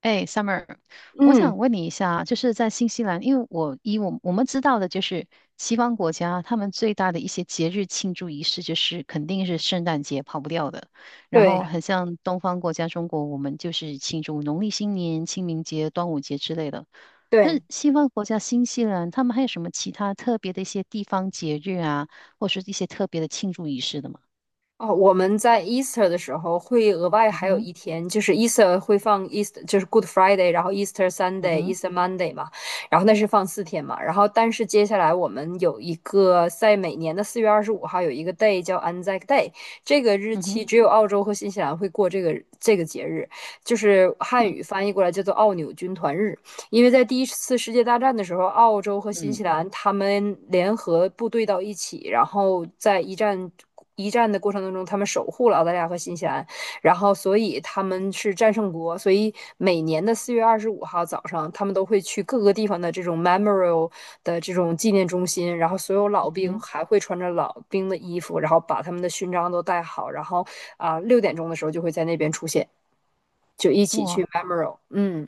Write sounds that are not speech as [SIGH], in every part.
哎，Summer，我嗯，想问你一下，就是在新西兰，因为我以我我们知道的，就是西方国家他们最大的一些节日庆祝仪式，就是肯定是圣诞节跑不掉的。然对后很像东方国家中国，我们就是庆祝农历新年、清明节、端午节之类的。那对，西方国家新西兰，他们还有什么其他特别的一些地方节日啊，或是一些特别的庆祝仪式的吗？哦，我们在 Easter 的时候会额外嗯还有哼。一天，就是 Easter 会放 Easter，就是 Good Friday，然后 Easter 嗯 Sunday、哼。Easter Monday 嘛，然后那是放4天嘛，然后但是接下来我们有一个在每年的四月二十五号有一个 day 叫 Anzac Day。这个日嗯哼。期只有澳洲和新西兰会过这个节日，就是汉嗯语翻译过来叫做奥纽军团日。因为在第一次世界大战的时候，澳洲和新嗯西兰他们联合部队到一起，然后在一战的过程当中，他们守护了澳大利亚和新西兰，然后所以他们是战胜国。所以每年的四月二十五号早上，他们都会去各个地方的这种 memorial 的这种纪念中心，然后所有老嗯兵还会穿着老兵的衣服，然后把他们的勋章都戴好，然后6点钟的时候就会在那边出现，就一哼。起去 哇，memorial，嗯。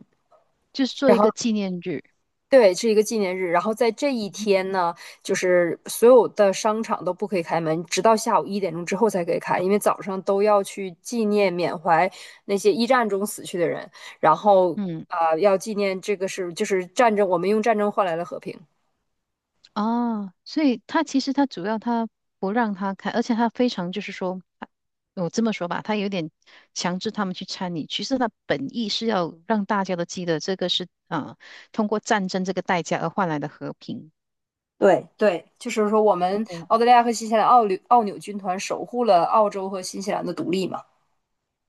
就是做然一后个纪念日。对，是一个纪念日。然后在这一天呢，就是所有的商场都不可以开门，直到下午1点钟之后才可以开，因为早上都要去纪念缅怀那些一战中死去的人，然后嗯。要纪念这个是就是战争，我们用战争换来了和平。哦，所以他其实他主要他不让他看，而且他非常就是说，我这么说吧，他有点强制他们去参与。其实他本意是要让大家都记得这个是通过战争这个代价而换来的和平。对，对，就是说我们澳大利亚和新西兰澳纽军团守护了澳洲和新西兰的独立嘛。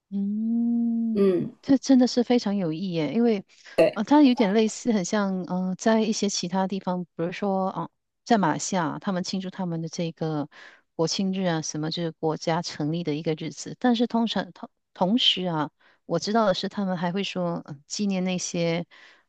嗯，嗯，这真的是非常有意义耶，因为对，它有点类似，很像，嗯，在一些其他地方，比如说，在马来西亚他们庆祝他们的这个国庆日啊，什么就是国家成立的一个日子，但是通常同时啊，我知道的是，他们还会说，呃纪念那些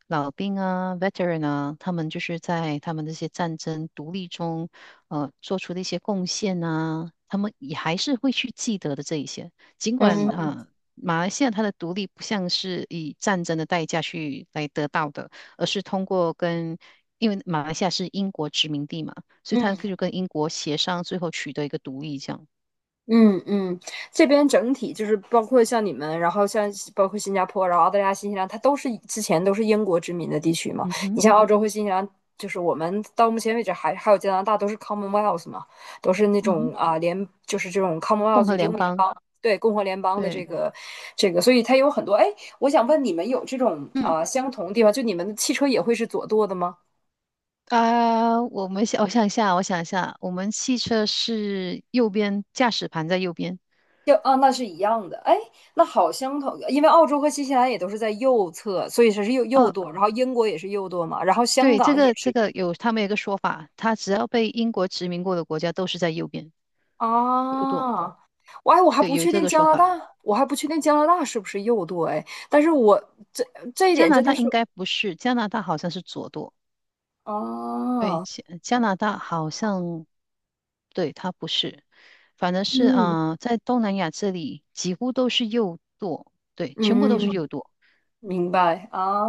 老兵啊、veteran 啊，他们就是在他们这些战争独立中，呃，做出的一些贡献啊，他们也还是会去记得的这一些。尽管嗯啊、呃马来西亚它的独立不像是以战争的代价去来得到的，而是通过跟，因为马来西亚是英国殖民地嘛，所以它嗯。就跟英国协商，最后取得一个独立，这样。嗯嗯，这边整体就是包括像你们，然后像包括新加坡，然后澳大利亚、新西兰，它都是之前都是英国殖民的地区嘛。嗯你哼。像澳洲和新西兰，就是我们到目前为止还有加拿大都是 Commonwealth 嘛，都是那嗯种哼。啊联，就是这种 共 Commonwealth 和英联联邦。邦，对，共和联邦的这对。个这个，所以它有很多。哎，我想问你们有这种嗯啊、相同的地方，就你们的汽车也会是左舵的吗？我们想，我想一下，我们汽车是右边，驾驶盘在右边。就啊，那是一样的。哎，那好相同，因为澳洲和新西兰也都是在右侧，所以它是右嗯，舵。然后英国也是右舵嘛，然后香对，这港也个是这个右舵有他们有一个说法，它只要被英国殖民过的国家都是在右边右舵，啊。我哎，我还对，不有确这定个加说拿大，法。我还不确定加拿大是不是右舵哎，但是我这这一加点拿真的大是应该不是，加拿大好像是左舵，对，啊，加拿大好像，对，它不是，反正是嗯啊、呃在东南亚这里几乎都是右舵，对，全部都是嗯右舵。明白啊。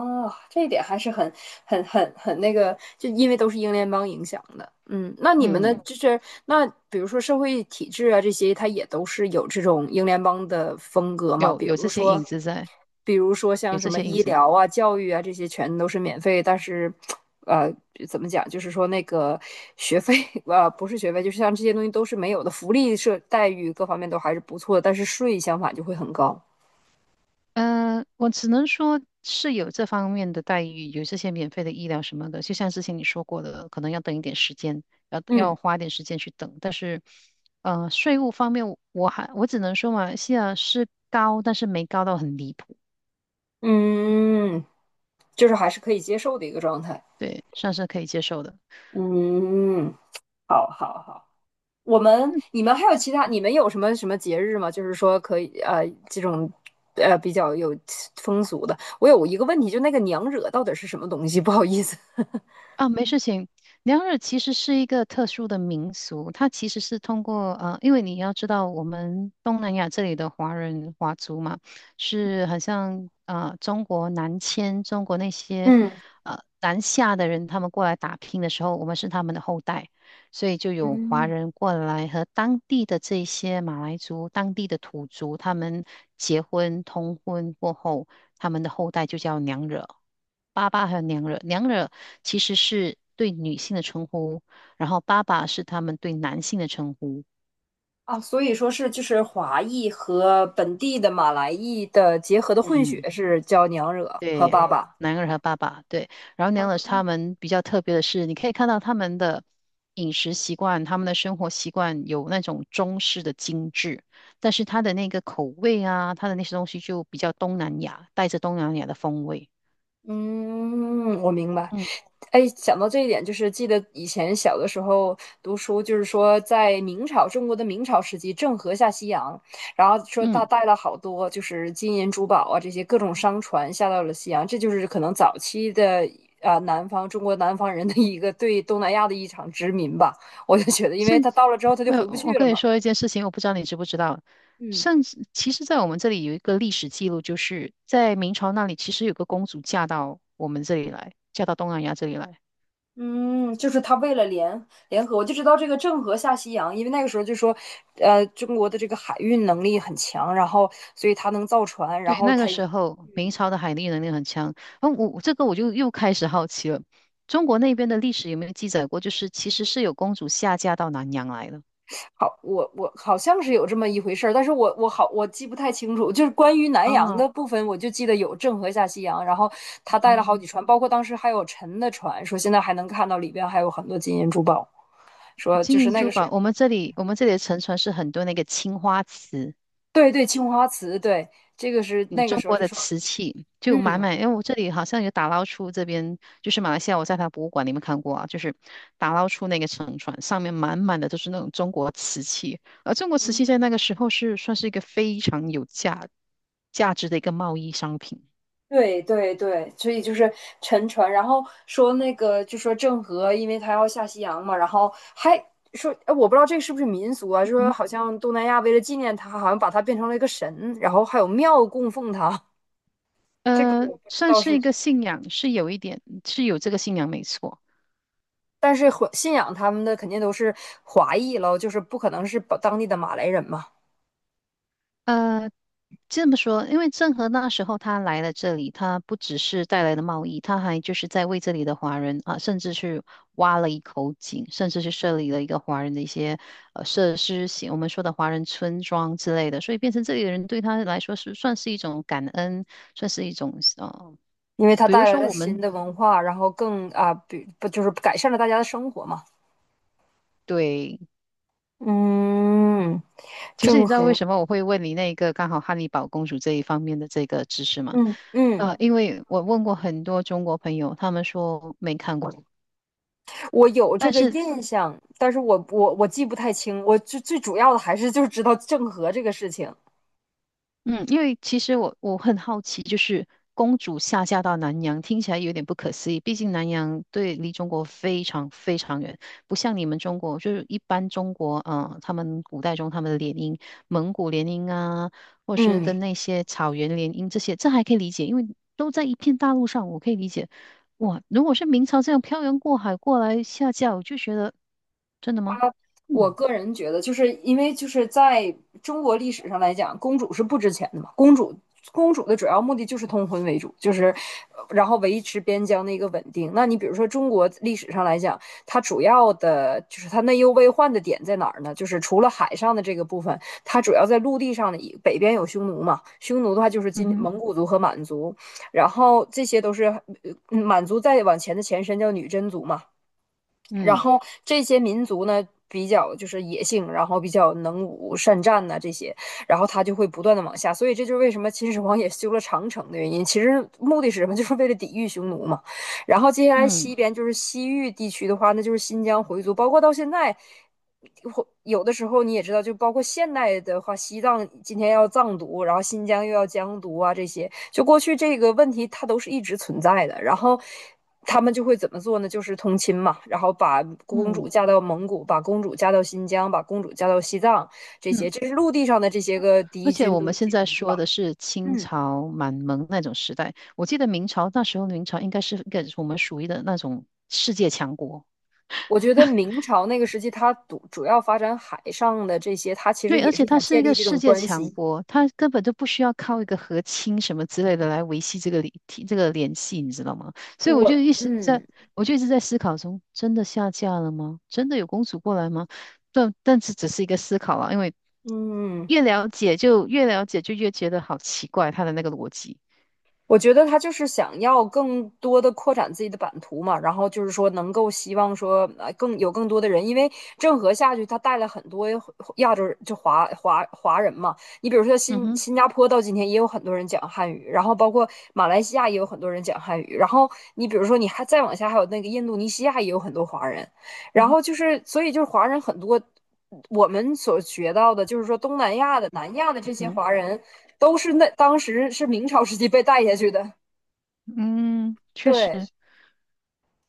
这一点还是很那个，就因为都是英联邦影响的。嗯，那你们的嗯嗯，就是那，比如说社会体制啊这些，它也都是有这种英联邦的风格嘛？有比有如这些说，影子在，比如说像有这什么些影医子。疗啊、教育啊这些，全都是免费，但是，呃，怎么讲？就是说那个学费，[LAUGHS] 不是学费，就是像这些东西都是没有的，福利是待遇各方面都还是不错的，但是税相反就会很高。嗯，我只能说是有这方面的待遇，有这些免费的医疗什么的。就像之前你说过的，可能要等一点时间，要嗯。花一点时间去等。但是，呃，税务方面，我只能说马来西亚是高，但是没高到很离谱，嗯，就是还是可以接受的一个状态。对，算是可以接受的。嗯，好好好。你们还有其他你们有什么什么节日吗？就是说可以这种比较有风俗的。我有一个问题，就那个娘惹到底是什么东西？不好意思。[LAUGHS] 啊，没事情。娘惹其实是一个特殊的民俗，它其实是通过呃，因为你要知道，我们东南亚这里的华人华族嘛，是好像呃中国南迁，中国那些嗯呃南下的人，他们过来打拼的时候，我们是他们的后代，所以就有华嗯人过来和当地的这些马来族、当地的土族，他们结婚通婚过后，他们的后代就叫娘惹。爸爸还有娘惹，娘惹其实是对女性的称呼，然后爸爸是他们对男性的称呼。啊，所以说是就是华裔和本地的马来裔的结合的混嗯，血是叫娘惹和对，爸爸。男儿和爸爸，对，然后娘惹他们比较特别的是，你可以看到他们的饮食习惯、他们的生活习惯有那种中式的精致，但是他的那个口味啊，他的那些东西就比较东南亚，带着东南亚的风味。嗯，我明白。嗯。哎，想到这一点，就是记得以前小的时候读书，就是说在明朝中国的明朝时期，郑和下西洋，然后说他嗯。带了好多就是金银珠宝啊这些各种商船下到了西洋，这就是可能早期的啊、南方中国南方人的一个对东南亚的一场殖民吧。我就觉得，因为甚他到了之后他就没回有，不我去了跟你嘛。说一件事情，我不知道你知不知道。嗯甚至，其实，在我们这里有一个历史记录，就是在明朝那里，其实有个公主嫁到我们这里来，嫁到东南亚这里来。嗯，就是他为了联合，我就知道这个郑和下西洋，因为那个时候就说，中国的这个海运能力很强，然后所以他能造船，然对，后那他，个时候明嗯，朝的海力能力很强。然后我这个我就又开始好奇了，中国那边的历史有没有记载过，就是其实是有公主下嫁到南洋来的好，我好像是有这么一回事儿，但是我记不太清楚，就是关于南洋啊？的部分，我就记得有郑和下西洋，然后他带了好嗯，几船，包括当时还有沉的船，说现在还能看到里边还有很多金银珠宝，说就金是银那个珠是，宝，我们这里的沉船是很多那个青花瓷。对对，青花瓷，对，这个是嗯，那个中时候国就的说，瓷器就满嗯。满，因为我这里好像有打捞出这边，就是马来西亚，我在他博物馆里面看过啊，就是打捞出那个沉船，上面满满的都是那种中国瓷器，而中国瓷器在那个时候是算是一个非常有价值的一个贸易商品。对对对，所以就是沉船，然后说那个就说郑和，因为他要下西洋嘛，然后还说，哎，我不知道这个是不是民俗啊，就说嗯，好像东南亚为了纪念他，好像把他变成了一个神，然后还有庙供奉他，[LAUGHS] 这个呃，我不知算道是是 一个信仰，是有一点是有这个信仰没错，[LAUGHS]，但是华信仰他们的肯定都是华裔喽，就是不可能是把当地的马来人嘛，呃，这么说，因为郑和那时候他来了这里，他不只是带来的贸易，他还就是在为这里的华人啊，甚至去挖了一口井，甚至是设立了一个华人的一些呃设施型，我们说的华人村庄之类的，所以变成这里的人对他来说是算是一种感恩，算是一种呃，因为他比如带来说了我新们的文化，然后更啊，比不就是改善了大家的生活嘛，对，嗯，其实你郑知道为和，什么我会问你那个刚好汉尼堡公主这一方面的这个知识吗？嗯嗯。呃，因为我问过很多中国朋友，他们说没看过。我有这但个是印象，但是我记不太清，我最主要的还是就是知道郑和这个事情。嗯，因为其实我很好奇，就是公主下嫁到南洋，听起来有点不可思议。毕竟南洋对离中国非常非常远，不像你们中国，就是一般中国，呃，他们古代中他们的联姻，蒙古联姻啊，或是嗯，跟那些草原联姻这些，这还可以理解，因为都在一片大陆上，我可以理解。哇，如果是明朝这样漂洋过海过来下嫁，我就觉得真的吗？我嗯。个人觉得，就是因为就是在中国历史上来讲，公主是不值钱的嘛。公主的主要目的就是通婚为主，就是然后维持边疆的一个稳定。那你比如说中国历史上来讲，它主要的就是它内忧外患的点在哪儿呢？就是除了海上的这个部分，它主要在陆地上的一北边有匈奴嘛，匈奴的话就是嗯今哼。蒙古族和满族，然后这些都是满族再往前的前身叫女真族嘛，然嗯后这些民族呢比较就是野性，然后比较能武善战呐、啊这些，然后他就会不断的往下，所以这就是为什么秦始皇也修了长城的原因。其实目的是什么？[LAUGHS] 就是为了抵御匈奴嘛。然后接下来嗯西边就是西域地区的话，那就是新疆回族，包括到现在。或有的时候你也知道，就包括现代的话，西藏今天要藏独，然后新疆又要疆独啊，这些就过去这个问题，它都是一直存在的。然后他们就会怎么做呢？就是通亲嘛，然后把公主嗯嫁到蒙古，把公主嫁到新疆，把公主嫁到西藏，这些嗯这是陆地上的这些个而敌且军我都们现解在决说掉。的是清嗯，朝满蒙那种时代，我记得明朝那时候，明朝应该是跟我们属于的那种世界强国。我觉得明朝那个时期，它主要发展海上的这些，它其实对，而也是且它想是建一立个这世种界关强系。国，它根本就不需要靠一个和亲什么之类的来维系这个联系，你知道吗？所以我我就一直在，嗯我就一直在思考中，真的下嫁了吗？真的有公主过来吗？但这只是一个思考啊，因为嗯。越了解，就越觉得好奇怪，它的那个逻辑。我觉得他就是想要更多的扩展自己的版图嘛，然后就是说能够希望说更有更多的人，因为郑和下去他带了很多亚洲就华人嘛，你比如说嗯新哼。新加坡到今天也有很多人讲汉语，然后包括马来西亚也有很多人讲汉语，然后你比如说你还再往下还有那个印度尼西亚也有很多华人，嗯然哼。后就是，所以就是华人很多。我们所学到的，就是说东南亚的、南亚的嗯这些哼。华人，都是那当时是明朝时期被带下去的。嗯，确对，实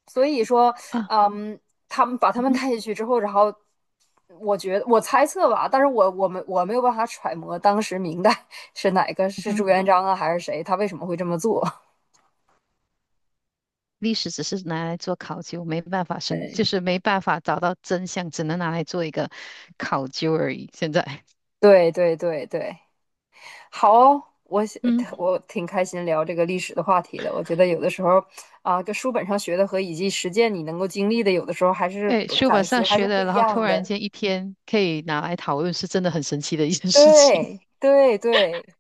所以说，啊。嗯，他们把他嗯们哼。带下去之后，然后我觉得我猜测吧，但是我没有办法揣摩当时明代 [LAUGHS] 是哪个嗯是朱哼。元璋啊，还是谁，他为什么会这么做？[LAUGHS] 历史只是拿来做考究，没办法生，就是没办法找到真相，只能拿来做一个考究而已。现在 对对对对对，好哦[LAUGHS]，嗯，我挺开心聊这个历史的话题的。我觉得有的时候啊，跟书本上学的和以及实践你能够经历的，有的时候还是哎，不书本感觉上还学是不的，一然后突样然的。间一天可以拿来讨论，是真的很神奇的一件事情。对对对，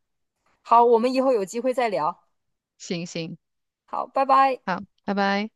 好，我们以后有机会再聊。[LAUGHS] 行，好，拜拜。好，拜拜。